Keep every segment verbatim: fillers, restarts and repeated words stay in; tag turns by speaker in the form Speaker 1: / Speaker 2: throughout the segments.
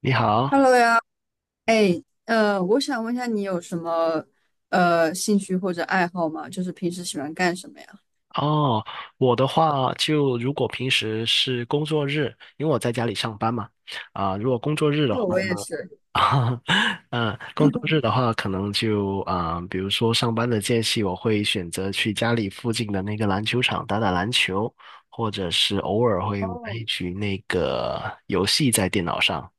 Speaker 1: 你好。
Speaker 2: Hello 呀。哎，呃，我想问一下，你有什么呃兴趣或者爱好吗？就是平时喜欢干什么呀？
Speaker 1: 哦，我的话就如果平时是工作日，因为我在家里上班嘛，啊、如果工作日的话，
Speaker 2: 哦，我也是。
Speaker 1: 嗯、工作日的话，可能就啊、比如说上班的间隙，我会选择去家里附近的那个篮球场打打篮球，或者是偶尔会玩
Speaker 2: 哦。
Speaker 1: 一局那个游戏在电脑上。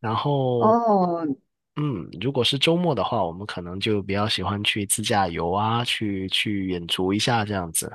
Speaker 1: 然后，
Speaker 2: 哦。
Speaker 1: 嗯，如果是周末的话，我们可能就比较喜欢去自驾游啊，去去远足一下这样子。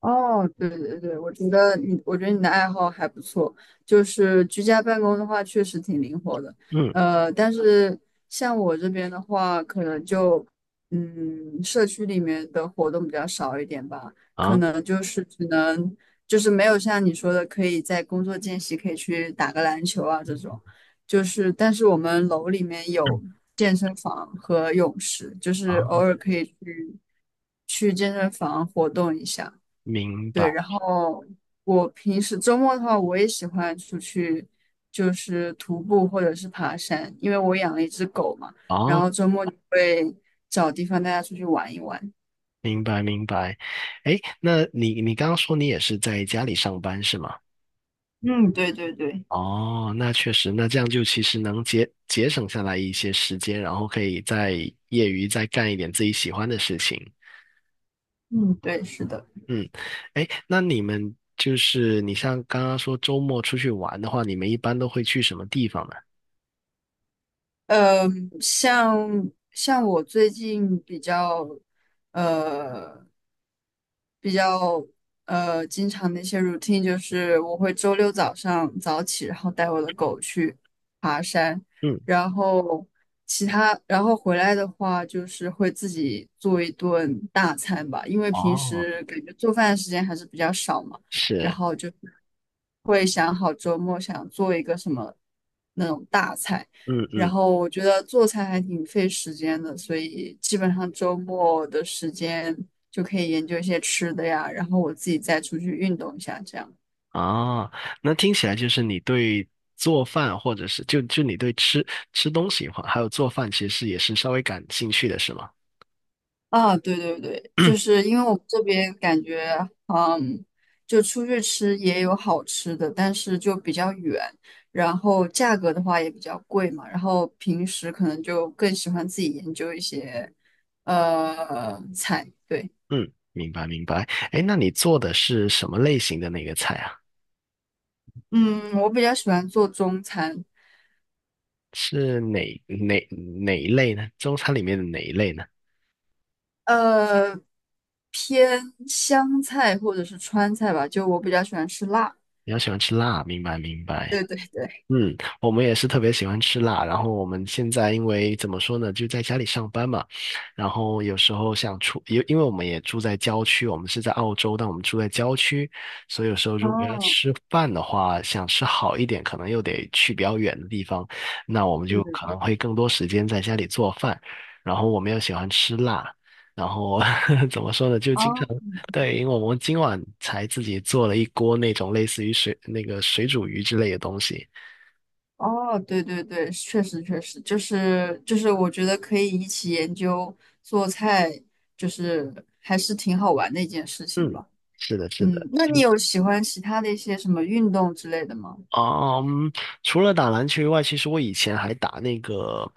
Speaker 2: 哦，对对对，我觉得你，我觉得你的爱好还不错，就是居家办公的话，确实挺灵活的。
Speaker 1: 嗯。
Speaker 2: 呃，但是像我这边的话，可能就，嗯，社区里面的活动比较少一点吧，可
Speaker 1: 啊。
Speaker 2: 能就是只能，就是没有像你说的，可以在工作间隙可以去打个篮球啊这种。就是，但是我们楼里面有健身房和泳池，就是
Speaker 1: 啊，
Speaker 2: 偶尔可以去去健身房活动一下。
Speaker 1: 明白。
Speaker 2: 对，然后我平时周末的话，我也喜欢出去，就是徒步或者是爬山，因为我养了一只狗嘛，然
Speaker 1: 哦，
Speaker 2: 后周末就会找地方带它出去玩一玩。
Speaker 1: 明白明白。哎，那你你刚刚说你也是在家里上班是吗？
Speaker 2: 嗯，对对对。
Speaker 1: 哦，那确实，那这样就其实能节节省下来一些时间，然后可以在业余再干一点自己喜欢的事情。
Speaker 2: 嗯，对，是的。
Speaker 1: 嗯，哎，那你们就是你像刚刚说周末出去玩的话，你们一般都会去什么地方呢？
Speaker 2: 嗯，像像我最近比较呃比较呃经常的一些 routine 就是我会周六早上早起，然后带我的狗去爬山，
Speaker 1: 嗯。
Speaker 2: 然后其他然后回来的话就是会自己做一顿大餐吧，因为平
Speaker 1: 哦。
Speaker 2: 时感觉做饭的时间还是比较少嘛，然
Speaker 1: 是。
Speaker 2: 后就会想好周末想做一个什么那种大菜。
Speaker 1: 嗯
Speaker 2: 然
Speaker 1: 嗯。
Speaker 2: 后我觉得做菜还挺费时间的，所以基本上周末的时间就可以研究一些吃的呀，然后我自己再出去运动一下，这样。
Speaker 1: 啊，那听起来就是你对做饭，或者是就就你对吃吃东西哈，还有做饭，其实也是稍微感兴趣的，是吗？
Speaker 2: 啊，对对对，
Speaker 1: 嗯。
Speaker 2: 就是因为我们这边感觉，嗯，就出去吃也有好吃的，但是就比较远，然后价格的话也比较贵嘛，然后平时可能就更喜欢自己研究一些，呃，菜。对。
Speaker 1: 嗯，明白明白。哎，那你做的是什么类型的那个菜啊？
Speaker 2: 嗯，我比较喜欢做中餐。
Speaker 1: 是哪哪哪一类呢？中餐里面的哪一类呢？
Speaker 2: 呃，偏湘菜或者是川菜吧，就我比较喜欢吃辣。
Speaker 1: 比较喜欢吃辣，明白明白。
Speaker 2: 对对对。
Speaker 1: 嗯，我们也是特别喜欢吃辣，然后我们现在因为怎么说呢，就在家里上班嘛，然后有时候想出，因因为我们也住在郊区，我们是在澳洲，但我们住在郊区，所以有时候如果要
Speaker 2: 哦，
Speaker 1: 吃饭的话，想吃好一点，可能又得去比较远的地方，那我们
Speaker 2: 对
Speaker 1: 就
Speaker 2: 对
Speaker 1: 可
Speaker 2: 对。
Speaker 1: 能会更多时间在家里做饭，然后我们又喜欢吃辣，然后 怎么说呢，就经常
Speaker 2: 哦。
Speaker 1: 对，因为我们今晚才自己做了一锅那种类似于水那个水煮鱼之类的东西。
Speaker 2: 哦，对对对，确实确实，就是就是，我觉得可以一起研究做菜，就是还是挺好玩的一件事情
Speaker 1: 嗯，
Speaker 2: 吧。
Speaker 1: 是的，是的。
Speaker 2: 嗯，那你有喜欢其他的一些什么运动之类的吗？
Speaker 1: 嗯，除了打篮球以外，其实我以前还打那个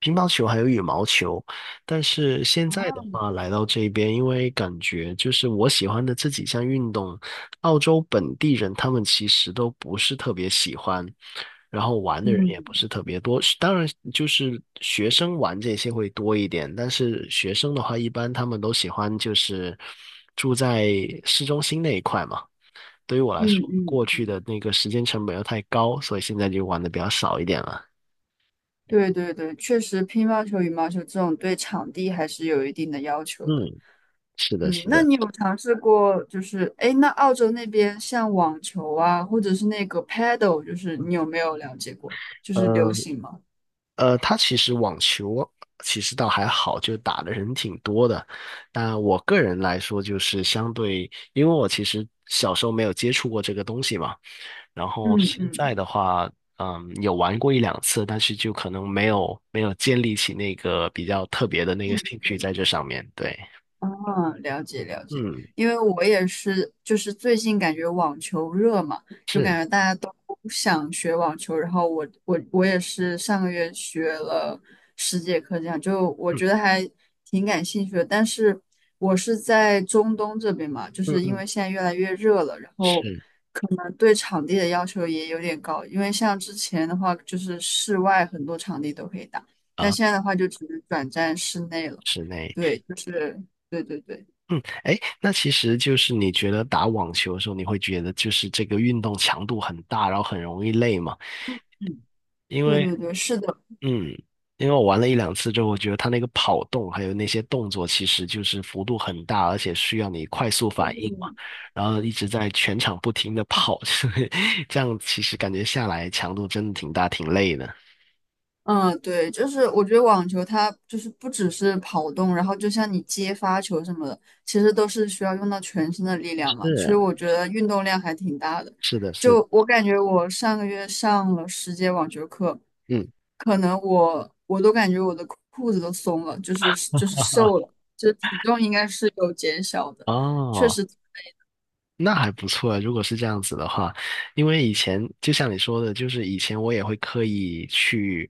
Speaker 1: 乒乓球还有羽毛球，但是现
Speaker 2: 啊，
Speaker 1: 在的话来到这边，因为感觉就是我喜欢的这几项运动，澳洲本地人他们其实都不是特别喜欢，然后玩的人
Speaker 2: 嗯
Speaker 1: 也不是特别多。当然，就是学生玩这些会多一点，但是学生的话，一般他们都喜欢就是住在市中心那一块嘛。对于我来
Speaker 2: 嗯
Speaker 1: 说，
Speaker 2: 嗯
Speaker 1: 过去
Speaker 2: 嗯，
Speaker 1: 的那个时间成本又太高，所以现在就玩的比较少一点了。
Speaker 2: 对对对，确实乒乓球、羽毛球这种对场地还是有一定的要求的。
Speaker 1: 嗯，是的，
Speaker 2: 嗯，
Speaker 1: 是
Speaker 2: 那
Speaker 1: 的。
Speaker 2: 你有尝试过，就是哎，诶那澳洲那边像网球啊，或者是那个 paddle,就是你有没有了解过？就是流
Speaker 1: 呃
Speaker 2: 行吗？
Speaker 1: 呃，他其实网球其实倒还好，就打的人挺多的。但我个人来说，就是相对，因为我其实小时候没有接触过这个东西嘛，然后
Speaker 2: 嗯
Speaker 1: 现
Speaker 2: 嗯。
Speaker 1: 在的话，嗯，有玩过一两次，但是就可能没有没有建立起那个比较特别的那个
Speaker 2: 兴
Speaker 1: 兴趣
Speaker 2: 趣。
Speaker 1: 在这上面。对。
Speaker 2: 啊，了解了解，
Speaker 1: 嗯，
Speaker 2: 因为我也是，就是最近感觉网球热嘛，就
Speaker 1: 是。
Speaker 2: 感觉大家都想学网球，然后我我我也是上个月学了十节课，这样就我
Speaker 1: 嗯
Speaker 2: 觉得还挺感兴趣的。但是我是在中东这边嘛，就
Speaker 1: 嗯
Speaker 2: 是因
Speaker 1: 嗯，
Speaker 2: 为现在越来越热了，然后
Speaker 1: 是。
Speaker 2: 呃对场地的要求也有点高，因为像之前的话就是室外很多场地都可以打，但
Speaker 1: 啊，
Speaker 2: 现在的话就只能转战室内了。
Speaker 1: 室内。
Speaker 2: 对，就是对对对。
Speaker 1: 嗯，哎，那其实就是你觉得打网球的时候，你会觉得就是这个运动强度很大，然后很容易累嘛？
Speaker 2: 嗯，
Speaker 1: 因
Speaker 2: 对
Speaker 1: 为，
Speaker 2: 对对，是的，
Speaker 1: 嗯，因为我玩了一两次之后，我觉得它那个跑动还有那些动作，其实就是幅度很大，而且需要你快速
Speaker 2: 就
Speaker 1: 反应嘛，
Speaker 2: 是
Speaker 1: 然后一直在全场不停的跑，所以这样其实感觉下来强度真的挺大，挺累的。
Speaker 2: 嗯，对，就是我觉得网球它就是不只是跑动，然后就像你接发球什么的，其实都是需要用到全身的力量嘛。其实
Speaker 1: 是，
Speaker 2: 我觉得运动量还挺大的。
Speaker 1: 是的，是的。
Speaker 2: 就我感觉，我上个月上了十节网球课，
Speaker 1: 嗯。
Speaker 2: 可能我我都感觉我的裤子都松了，就是就是瘦了，就体重应该是有减小的，确
Speaker 1: 哦。
Speaker 2: 实。
Speaker 1: 那还不错啊，如果是这样子的话，因为以前就像你说的，就是以前我也会刻意去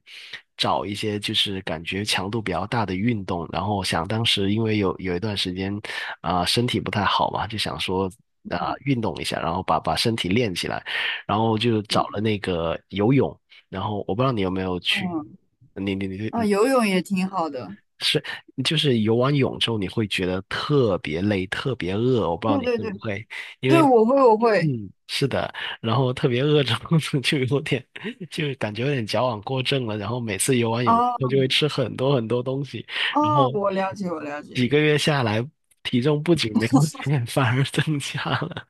Speaker 1: 找一些就是感觉强度比较大的运动，然后想当时因为有有一段时间啊、身体不太好嘛，就想说啊、
Speaker 2: 嗯
Speaker 1: 运动一下，然后把把身体练起来，然后就找了
Speaker 2: 嗯
Speaker 1: 那个游泳，然后我不知道你有没有去，
Speaker 2: 嗯
Speaker 1: 你你你
Speaker 2: 啊，
Speaker 1: 你
Speaker 2: 游泳也挺好的。
Speaker 1: 是就是游完泳之后你会觉得特别累，特别饿，我不知道
Speaker 2: 对
Speaker 1: 你
Speaker 2: 对
Speaker 1: 会不
Speaker 2: 对
Speaker 1: 会。因为
Speaker 2: 对，我会我会。
Speaker 1: 嗯，是的，然后特别饿着 就有点，就感觉有点矫枉过正了。然后每次游完泳，
Speaker 2: 哦。
Speaker 1: 他就会吃很多很多东西，然
Speaker 2: 哦，
Speaker 1: 后
Speaker 2: 我了解，我了解。
Speaker 1: 几个月下来，体重不仅没有减，反而增加了。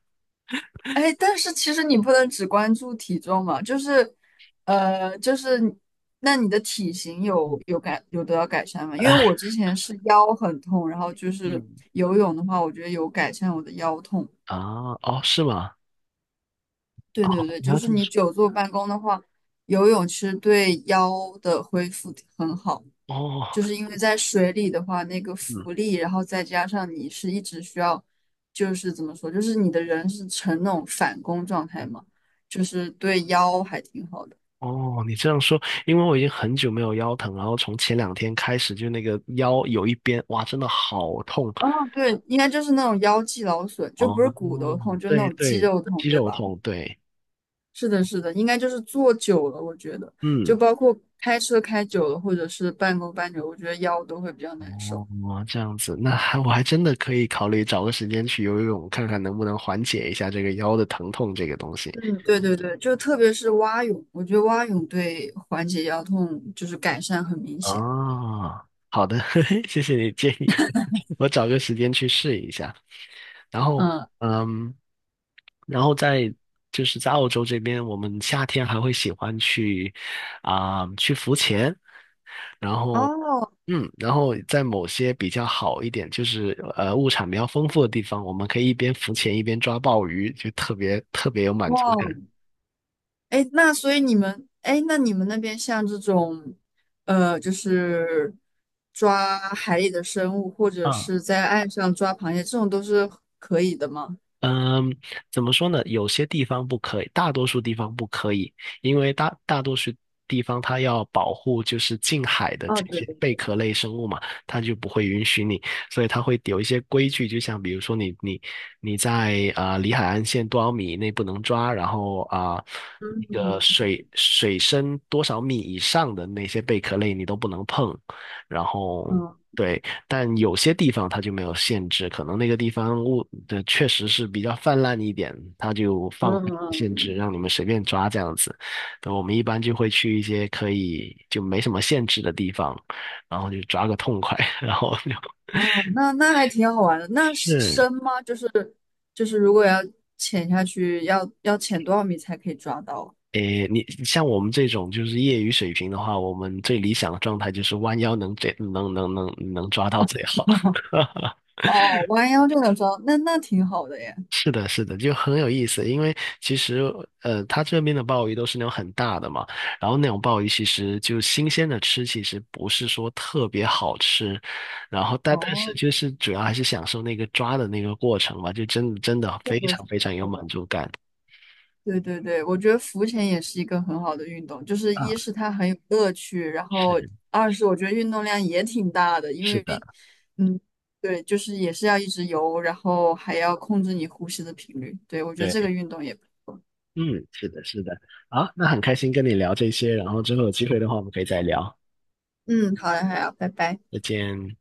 Speaker 2: 哎，但是其实你不能只关注体重嘛，就是，呃，就是你那你的体型
Speaker 1: 嗯。
Speaker 2: 有有改有得到改善吗？因为我之前是腰很痛，然后就是
Speaker 1: 嗯。
Speaker 2: 游泳的话，我觉得有改善我的腰痛。
Speaker 1: 啊，哦，是吗？
Speaker 2: 对对对，
Speaker 1: 你
Speaker 2: 就
Speaker 1: 要
Speaker 2: 是
Speaker 1: 这么
Speaker 2: 你
Speaker 1: 说。
Speaker 2: 久坐办公的话，游泳其实对腰的恢复很好。
Speaker 1: 哦。
Speaker 2: 就是因为在水里的话，那个
Speaker 1: 嗯。
Speaker 2: 浮力，然后再加上你是一直需要，就是怎么说，就是你的人是呈那种反弓状态
Speaker 1: 嗯。
Speaker 2: 嘛，就是对腰还挺好的。
Speaker 1: 哦，你这样说，因为我已经很久没有腰疼，然后从前两天开始，就那个腰有一边，哇，真的好痛。
Speaker 2: 哦，对，应该就是那种腰肌劳损，就不是
Speaker 1: 哦，
Speaker 2: 骨头痛，就那
Speaker 1: 对
Speaker 2: 种肌
Speaker 1: 对，
Speaker 2: 肉痛，
Speaker 1: 肌
Speaker 2: 对
Speaker 1: 肉
Speaker 2: 吧？
Speaker 1: 痛，对。
Speaker 2: 是的，是的，应该就是坐久了，我觉得，就
Speaker 1: 嗯。
Speaker 2: 包括开车开久了，或者是半公半久，我觉得腰都会比较难受。
Speaker 1: 哦，这样子，那还我还真的可以考虑找个时间去游游泳，看看能不能缓解一下这个腰的疼痛这个东西。
Speaker 2: 嗯，对对对，就特别是蛙泳，我觉得蛙泳对缓解腰痛就是改善很明显。
Speaker 1: 哦，好的，嘿嘿谢谢你建议，我找个时间去试一下。然后，
Speaker 2: 嗯。
Speaker 1: 嗯，然后在就是在澳洲这边，我们夏天还会喜欢去啊、去浮潜，然后，
Speaker 2: 哦。
Speaker 1: 嗯，然后在某些比较好一点，就是呃物产比较丰富的地方，我们可以一边浮潜一边抓鲍鱼，就特别特别有满
Speaker 2: 哇，
Speaker 1: 足感。
Speaker 2: 哎，那所以你们，哎，那你们那边像这种，呃，就是抓海里的生物，或者
Speaker 1: 嗯。
Speaker 2: 是在岸上抓螃蟹，这种都是可以的吗？
Speaker 1: 嗯，怎么说呢？有些地方不可以，大多数地方不可以，因为大大多数地方它要保护就是近海的
Speaker 2: 哦，
Speaker 1: 这
Speaker 2: 对
Speaker 1: 些
Speaker 2: 对
Speaker 1: 贝
Speaker 2: 对。
Speaker 1: 壳类生物嘛，它就不会允许你，所以它会有一些规矩，就像比如说你你你在啊、呃离海岸线多少米以内不能抓，然后啊、那个
Speaker 2: 嗯
Speaker 1: 水水深多少米以上的那些贝壳类你都不能碰，然后。
Speaker 2: 嗯
Speaker 1: 对，但有些地方它就没有限制，可能那个地方物的确实是比较泛滥一点，它就放限制，
Speaker 2: 嗯。
Speaker 1: 让你们随便抓这样子。那我们一般就会去一些可以就没什么限制的地方，然后就抓个痛快，然后就
Speaker 2: 哦，那那还挺好玩的。那是
Speaker 1: 是。
Speaker 2: 深吗？就是就是，如果要潜下去，要要潜多少米才可以抓到？
Speaker 1: 诶，你像我们这种就是业余水平的话，我们最理想的状态就是弯腰能最能能能能抓到最好。
Speaker 2: 哦，弯腰就能抓到那那挺好的耶。
Speaker 1: 是的，是的，就很有意思。因为其实，呃，它这边的鲍鱼都是那种很大的嘛，然后那种鲍鱼其实就新鲜的吃，其实不是说特别好吃。然后但但是
Speaker 2: 哦，
Speaker 1: 就是主要还是享受那个抓的那个过程嘛，就真的真的
Speaker 2: 是
Speaker 1: 非
Speaker 2: 的，
Speaker 1: 常非常有
Speaker 2: 是
Speaker 1: 满
Speaker 2: 的。
Speaker 1: 足感。
Speaker 2: 对对对，我觉得浮潜也是一个很好的运动，就是
Speaker 1: 啊，
Speaker 2: 一是它很有乐趣，然后
Speaker 1: 是
Speaker 2: 二是我觉得运动量也挺大的，因
Speaker 1: 是
Speaker 2: 为，
Speaker 1: 的，
Speaker 2: 嗯，对，就是也是要一直游，然后还要控制你呼吸的频率。对，我觉得这个
Speaker 1: 对，
Speaker 2: 运动也，
Speaker 1: 嗯，是的，是的。好，那很开心跟你聊这些，然后之后有机会的话，我们可以再聊。
Speaker 2: 嗯，好的，好要，拜拜。
Speaker 1: 再见。